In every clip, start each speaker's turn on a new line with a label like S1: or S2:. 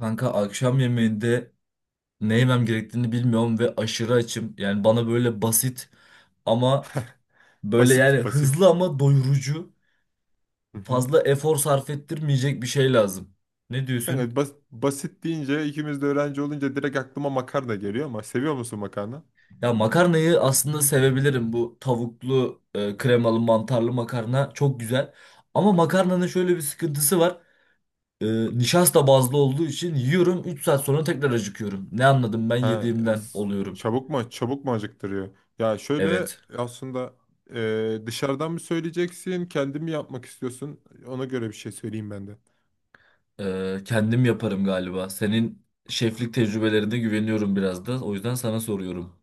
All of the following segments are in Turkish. S1: Kanka akşam yemeğinde ne yemem gerektiğini bilmiyorum ve aşırı açım. Yani bana böyle basit ama böyle yani
S2: Basit
S1: hızlı
S2: basit.
S1: ama doyurucu,
S2: Hı hı.
S1: fazla efor sarf ettirmeyecek bir şey lazım. Ne diyorsun?
S2: Kanka basit deyince ikimiz de öğrenci olunca direkt aklıma makarna geliyor ama seviyor musun makarna?
S1: Ya makarnayı aslında
S2: Hı hı.
S1: sevebilirim. Bu tavuklu, kremalı, mantarlı makarna çok güzel. Ama makarnanın şöyle bir sıkıntısı var. E, Nişasta bazlı olduğu için yiyorum 3 saat sonra tekrar acıkıyorum. Ne anladım ben
S2: Ha,
S1: yediğimden oluyorum.
S2: çabuk mu çabuk mu acıktırıyor? Ya şöyle
S1: Evet.
S2: aslında dışarıdan mı söyleyeceksin, kendin mi yapmak istiyorsun? Ona göre bir şey söyleyeyim ben de.
S1: Kendim yaparım galiba. Senin şeflik tecrübelerine güveniyorum biraz da. O yüzden sana soruyorum.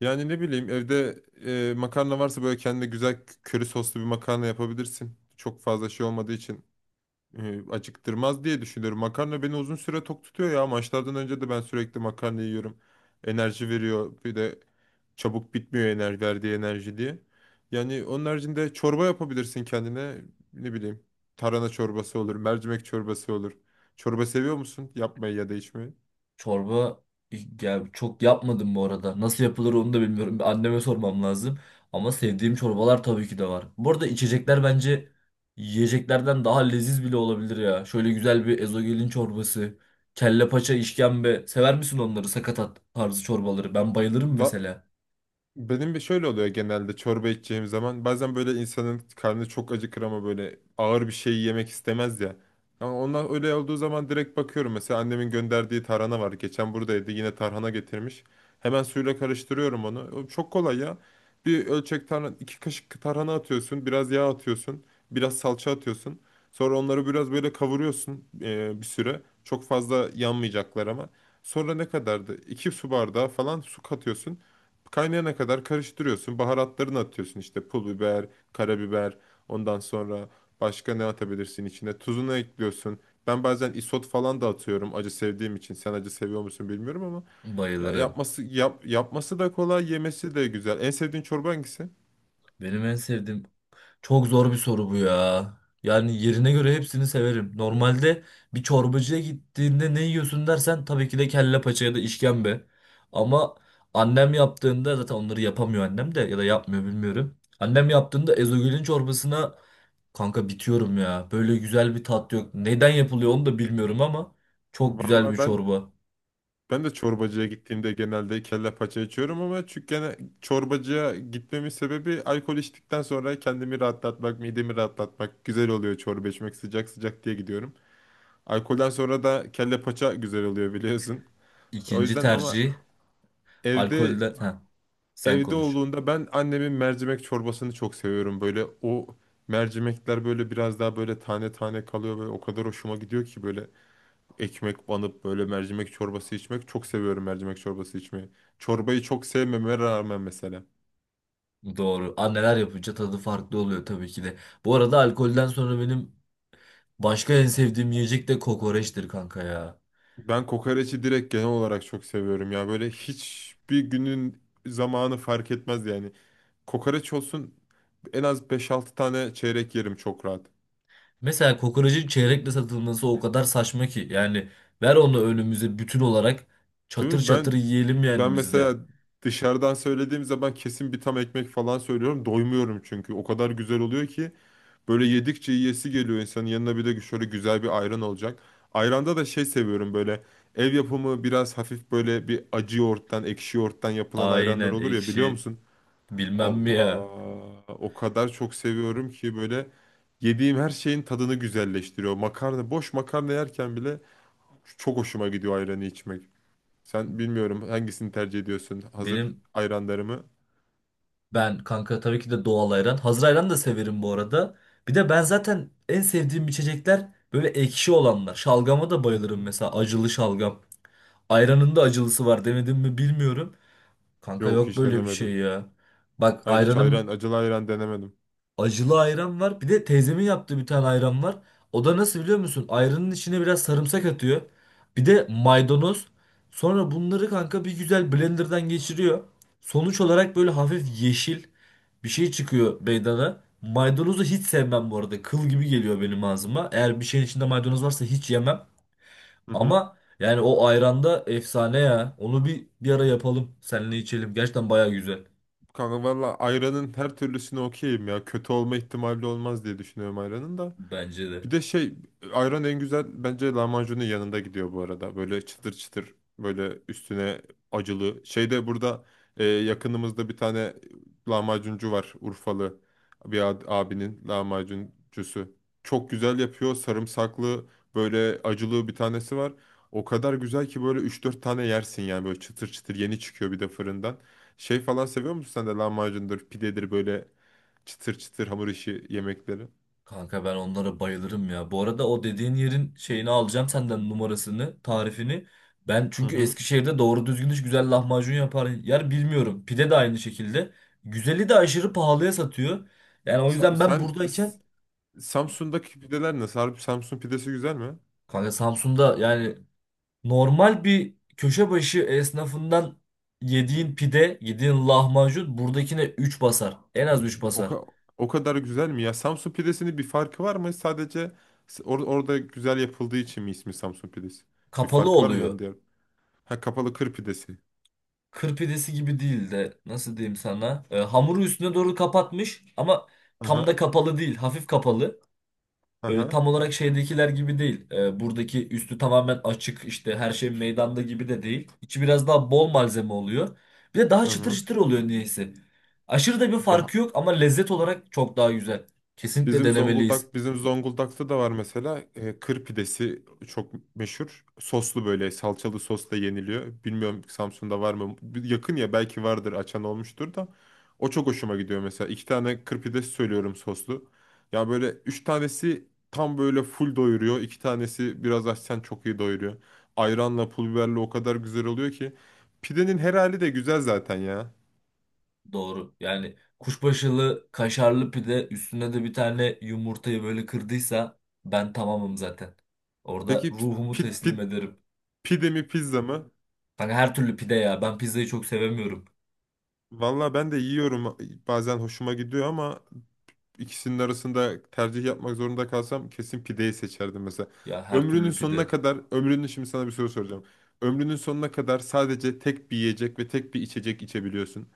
S2: Yani ne bileyim evde makarna varsa böyle kendine güzel köri soslu bir makarna yapabilirsin. Çok fazla şey olmadığı için acıktırmaz diye düşünüyorum. Makarna beni uzun süre tok tutuyor ya. Maçlardan önce de ben sürekli makarna yiyorum. Enerji veriyor. Bir de çabuk bitmiyor verdiği enerji diye. Yani onun haricinde çorba yapabilirsin kendine. Ne bileyim. Tarhana çorbası olur, mercimek çorbası olur. Çorba seviyor musun? Yapmayı ya da içmeyi.
S1: Çorba ya çok yapmadım bu arada. Nasıl yapılır onu da bilmiyorum. Bir anneme sormam lazım. Ama sevdiğim çorbalar tabii ki de var. Bu arada içecekler bence yiyeceklerden daha leziz bile olabilir ya. Şöyle güzel bir ezogelin çorbası, kelle paça, işkembe. Sever misin onları? Sakatat tarzı çorbaları. Ben bayılırım
S2: Va-
S1: mesela.
S2: Benim bir şöyle oluyor genelde çorba içeceğim zaman. Bazen böyle insanın karnı çok acıkır ama böyle ağır bir şey yemek istemez ya. Ama onlar öyle olduğu zaman direkt bakıyorum. Mesela annemin gönderdiği tarhana var. Geçen buradaydı yine tarhana getirmiş. Hemen suyla karıştırıyorum onu. O çok kolay ya. Bir ölçek tarhana, iki kaşık tarhana atıyorsun. Biraz yağ atıyorsun. Biraz salça atıyorsun. Sonra onları biraz böyle kavuruyorsun bir süre. Çok fazla yanmayacaklar ama. Sonra ne kadardı? İki su bardağı falan su katıyorsun. Kaynayana kadar karıştırıyorsun. Baharatlarını atıyorsun işte pul biber, karabiber. Ondan sonra başka ne atabilirsin içine? Tuzunu ekliyorsun. Ben bazen isot falan da atıyorum acı sevdiğim için. Sen acı seviyor musun bilmiyorum ama ya
S1: Bayılırım.
S2: yapması da kolay, yemesi de güzel. En sevdiğin çorba hangisi?
S1: Benim en sevdiğim çok zor bir soru bu ya. Yani yerine göre hepsini severim. Normalde bir çorbacıya gittiğinde ne yiyorsun dersen tabii ki de kelle paça ya da işkembe. Ama annem yaptığında zaten onları yapamıyor annem de ya da yapmıyor bilmiyorum. Annem yaptığında ezogelin çorbasına kanka bitiyorum ya. Böyle güzel bir tat yok. Neden yapılıyor onu da bilmiyorum ama çok güzel
S2: Vallahi
S1: bir
S2: ben
S1: çorba.
S2: ben de çorbacıya gittiğimde genelde kelle paça içiyorum ama çünkü gene çorbacıya gitmemin sebebi alkol içtikten sonra kendimi rahatlatmak, midemi rahatlatmak güzel oluyor çorba içmek sıcak sıcak diye gidiyorum. Alkolden sonra da kelle paça güzel oluyor biliyorsun. O
S1: İkinci
S2: yüzden ama
S1: tercih
S2: evde
S1: alkolden. Heh, sen
S2: evde
S1: konuş.
S2: olduğunda ben annemin mercimek çorbasını çok seviyorum. Böyle o mercimekler böyle biraz daha böyle tane tane kalıyor ve o kadar hoşuma gidiyor ki böyle ekmek banıp böyle mercimek çorbası içmek çok seviyorum mercimek çorbası içmeyi. Çorbayı çok sevmeme rağmen mesela.
S1: Doğru. Anneler yapınca tadı farklı oluyor tabii ki de. Bu arada alkolden sonra benim başka en sevdiğim yiyecek de kokoreçtir kanka ya.
S2: Ben kokoreçi direkt genel olarak çok seviyorum ya. Böyle hiçbir günün zamanı fark etmez yani. Kokoreç olsun en az beş altı tane çeyrek yerim çok rahat.
S1: Mesela kokorecin çeyrekle satılması o kadar saçma ki. Yani ver onu önümüze bütün olarak
S2: Değil
S1: çatır
S2: mi?
S1: çatır yiyelim
S2: Ben
S1: yani biz
S2: mesela
S1: de.
S2: dışarıdan söylediğim zaman kesin bir tam ekmek falan söylüyorum. Doymuyorum çünkü. O kadar güzel oluyor ki böyle yedikçe yiyesi geliyor insanın. Yanına bir de şöyle güzel bir ayran olacak. Ayranda da şey seviyorum böyle ev yapımı biraz hafif böyle bir acı yoğurttan, ekşi yoğurttan yapılan ayranlar
S1: Aynen
S2: olur ya biliyor
S1: ekşi.
S2: musun?
S1: Bilmem mi
S2: Allah
S1: ya.
S2: o kadar çok seviyorum ki böyle yediğim her şeyin tadını güzelleştiriyor. Makarna, boş makarna yerken bile çok hoşuma gidiyor ayranı içmek. Sen bilmiyorum hangisini tercih ediyorsun? Hazır
S1: Benim
S2: ayranları mı?
S1: ben kanka tabii ki de doğal ayran. Hazır ayran da severim bu arada. Bir de ben zaten en sevdiğim içecekler böyle ekşi olanlar. Şalgama da
S2: Hı
S1: bayılırım
S2: hı.
S1: mesela acılı şalgam. Ayranın da acılısı var demedim mi bilmiyorum. Kanka
S2: Yok
S1: yok
S2: hiç
S1: böyle bir şey
S2: denemedim.
S1: ya. Bak
S2: Ay hiç
S1: ayranım
S2: acılı ayran denemedim.
S1: acılı ayran var. Bir de teyzemin yaptığı bir tane ayran var. O da nasıl biliyor musun? Ayranın içine biraz sarımsak atıyor. Bir de maydanoz. Sonra bunları kanka bir güzel blenderdan geçiriyor. Sonuç olarak böyle hafif yeşil bir şey çıkıyor meydana. Maydanozu hiç sevmem bu arada. Kıl gibi geliyor benim ağzıma. Eğer bir şeyin içinde maydanoz varsa hiç yemem.
S2: Hı hı.
S1: Ama yani o ayranda efsane ya. Onu bir ara yapalım. Seninle içelim. Gerçekten baya güzel.
S2: Kanka valla ayranın her türlüsüne okeyim ya. Kötü olma ihtimali olmaz diye düşünüyorum ayranın da.
S1: Bence
S2: Bir
S1: de.
S2: de şey ayran en güzel bence lahmacunun yanında gidiyor bu arada. Böyle çıtır çıtır böyle üstüne acılı. Şeyde burada yakınımızda bir tane lahmacuncu var Urfalı bir abinin lahmacuncusu. Çok güzel yapıyor sarımsaklı böyle acılı bir tanesi var. O kadar güzel ki böyle üç dört tane yersin yani böyle çıtır çıtır yeni çıkıyor bir de fırından. Şey falan seviyor musun sen de lahmacundur pidedir böyle çıtır çıtır hamur işi yemekleri?
S1: Kanka ben onlara bayılırım ya. Bu arada o dediğin yerin şeyini alacağım senden numarasını, tarifini. Ben
S2: Hı
S1: çünkü
S2: hı.
S1: Eskişehir'de doğru düzgün hiç güzel lahmacun yapar yer bilmiyorum. Pide de aynı şekilde. Güzeli de aşırı pahalıya satıyor. Yani o
S2: Sa-
S1: yüzden ben
S2: Sen, S-
S1: buradayken
S2: Samsun'daki pideler nasıl? Harbi Samsun pidesi güzel mi?
S1: kanka Samsun'da yani normal bir köşe başı esnafından yediğin pide, yediğin lahmacun buradakine 3 basar. En az 3
S2: O,
S1: basar.
S2: o kadar güzel mi ya? Samsun pidesinin bir farkı var mı? Sadece orada güzel yapıldığı için mi ismi Samsun pidesi? Bir
S1: Kapalı
S2: farkı var mı yani
S1: oluyor.
S2: diğer? Ha kapalı kır pidesi.
S1: Kır pidesi gibi değil de nasıl diyeyim sana? Hamuru üstüne doğru kapatmış ama tam da
S2: Aha.
S1: kapalı değil. Hafif kapalı. Böyle
S2: Aha.
S1: tam olarak şeydekiler gibi değil. Buradaki üstü tamamen açık işte her şey meydanda gibi de değil. İçi biraz daha bol malzeme oluyor. Bir de daha çıtır
S2: Aha.
S1: çıtır oluyor niyeyse. Aşırı da bir farkı yok ama lezzet olarak çok daha güzel. Kesinlikle denemeliyiz.
S2: Bizim Zonguldak'ta da var mesela kır pidesi çok meşhur. Soslu böyle salçalı sosla yeniliyor. Bilmiyorum Samsun'da var mı? Yakın ya belki vardır açan olmuştur da. O çok hoşuma gidiyor mesela. İki tane kır pidesi söylüyorum soslu. Ya böyle üç tanesi tam böyle full doyuruyor. İki tanesi biraz açsan çok iyi doyuruyor. Ayranla pul biberle o kadar güzel oluyor ki. Pidenin her hali de güzel zaten ya.
S1: Doğru. Yani kuşbaşılı kaşarlı pide üstüne de bir tane yumurtayı böyle kırdıysa ben tamamım zaten. Orada
S2: Peki
S1: ruhumu teslim ederim.
S2: pide mi pizza mı?
S1: Kanka her türlü pide ya. Ben pizzayı çok sevemiyorum.
S2: Valla ben de yiyorum bazen hoşuma gidiyor ama ikisinin arasında tercih yapmak zorunda kalsam kesin pideyi seçerdim mesela.
S1: Ya her türlü pide.
S2: Ömrünün şimdi sana bir soru soracağım. Ömrünün sonuna kadar sadece tek bir yiyecek ve tek bir içecek içebiliyorsun.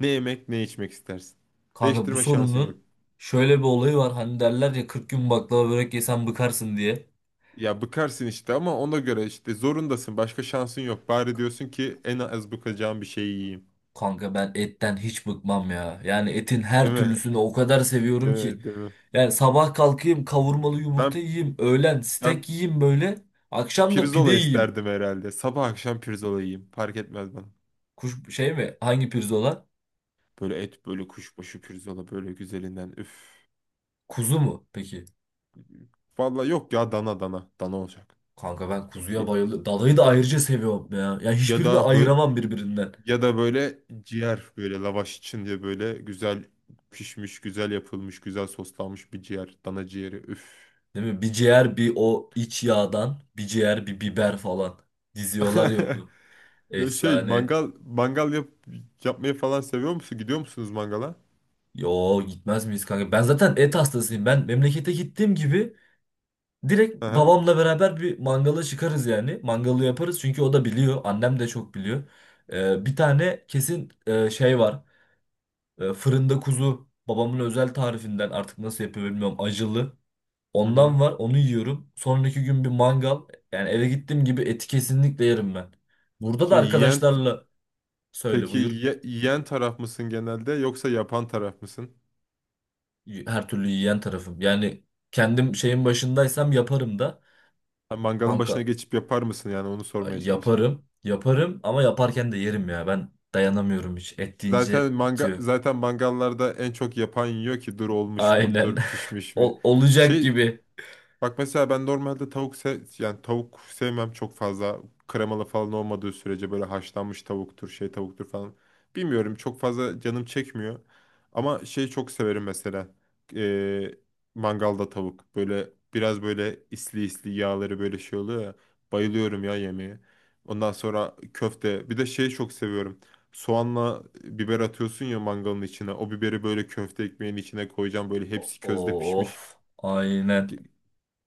S2: Ne yemek ne içmek istersin.
S1: Kanka bu
S2: Değiştirme şansın yok.
S1: sorunun şöyle bir olayı var. Hani derler ya 40 gün baklava börek yesen bıkarsın diye.
S2: Ya bıkarsın işte ama ona göre işte zorundasın. Başka şansın yok. Bari diyorsun ki en az bıkacağım bir şeyi yiyeyim.
S1: Kanka ben etten hiç bıkmam ya. Yani etin
S2: Değil
S1: her
S2: mi?
S1: türlüsünü o kadar seviyorum
S2: Değil
S1: ki.
S2: mi? Değil mi?
S1: Yani sabah kalkayım kavurmalı yumurta
S2: Ben
S1: yiyeyim. Öğlen
S2: ben
S1: steak yiyeyim böyle. Akşam da pide
S2: Pirzola
S1: yiyeyim.
S2: isterdim herhalde. Sabah akşam pirzola yiyeyim. Fark etmez bana.
S1: Kuş, şey mi? Hangi pirzola?
S2: Böyle et, böyle kuşbaşı pirzola, böyle güzelinden. Üf.
S1: Kuzu mu? Peki.
S2: Vallahi yok ya dana dana. Dana olacak.
S1: Kanka ben
S2: Ya,
S1: kuzuya bayılıyorum. Dalayı da ayrıca seviyorum ya. Yani
S2: ya
S1: hiçbirini
S2: da böyle
S1: ayıramam birbirinden.
S2: ya da böyle ciğer böyle lavaş için diye böyle güzel pişmiş, güzel yapılmış, güzel soslanmış bir ciğer. Dana ciğeri. Üf.
S1: Değil mi? Bir ciğer bir o iç yağdan bir ciğer bir biber falan diziyorlar ya onu.
S2: Ya şey
S1: Efsane.
S2: mangal yap, yapmayı falan seviyor musun? Gidiyor musunuz mangala?
S1: Yo gitmez miyiz kanka? Ben zaten et hastasıyım. Ben memlekete gittiğim gibi direkt
S2: Aha.
S1: babamla beraber bir mangala çıkarız yani. Mangalı yaparız çünkü o da biliyor. Annem de çok biliyor. Bir tane kesin şey var. Fırında kuzu. Babamın özel tarifinden artık nasıl yapıyor bilmiyorum. Acılı.
S2: Hı hı.
S1: Ondan var onu yiyorum. Sonraki gün bir mangal. Yani eve gittiğim gibi eti kesinlikle yerim ben. Burada da
S2: Şey yiyen
S1: arkadaşlarla söyle
S2: Peki
S1: buyur.
S2: yiyen taraf mısın genelde yoksa yapan taraf mısın?
S1: Her türlü yiyen tarafım. Yani kendim şeyin başındaysam yaparım da.
S2: Ha, mangalın
S1: Kanka
S2: başına geçip yapar mısın yani onu sormaya çalıştım.
S1: yaparım. Yaparım ama yaparken de yerim ya. Ben dayanamıyorum hiç. Et deyince bitiyor.
S2: Zaten mangallarda en çok yapan yiyor ki dur olmuş mu?
S1: Aynen.
S2: Dur pişmiş mi?
S1: Olacak
S2: Şey
S1: gibi.
S2: bak mesela ben normalde tavuk se yani tavuk sevmem çok fazla. Kremalı falan olmadığı sürece böyle haşlanmış tavuktur, şey tavuktur falan. Bilmiyorum çok fazla canım çekmiyor. Ama şey çok severim mesela. Ee, mangalda tavuk. Böyle biraz böyle isli isli yağları böyle şey oluyor ya. Bayılıyorum ya yemeğe. Ondan sonra köfte. Bir de şeyi çok seviyorum. Soğanla biber atıyorsun ya mangalın içine. O biberi böyle köfte ekmeğin içine koyacağım. Böyle hepsi közde pişmiş.
S1: Of. Aynen.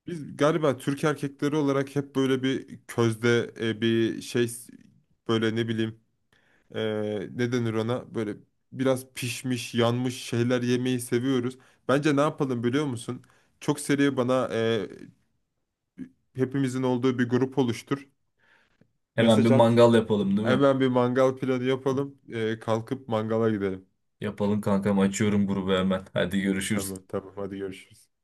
S2: Biz galiba Türk erkekleri olarak hep böyle bir közde bir böyle ne bileyim e, ne denir ona böyle biraz pişmiş yanmış şeyler yemeyi seviyoruz. Bence ne yapalım biliyor musun? Çok seri bana hepimizin olduğu bir grup oluştur.
S1: Hemen bir
S2: Mesaj at.
S1: mangal yapalım değil mi?
S2: Hemen bir mangal planı yapalım. Kalkıp mangala gidelim.
S1: Yapalım kankam. Açıyorum grubu hemen. Hadi görüşürüz.
S2: Tamam tamam hadi görüşürüz.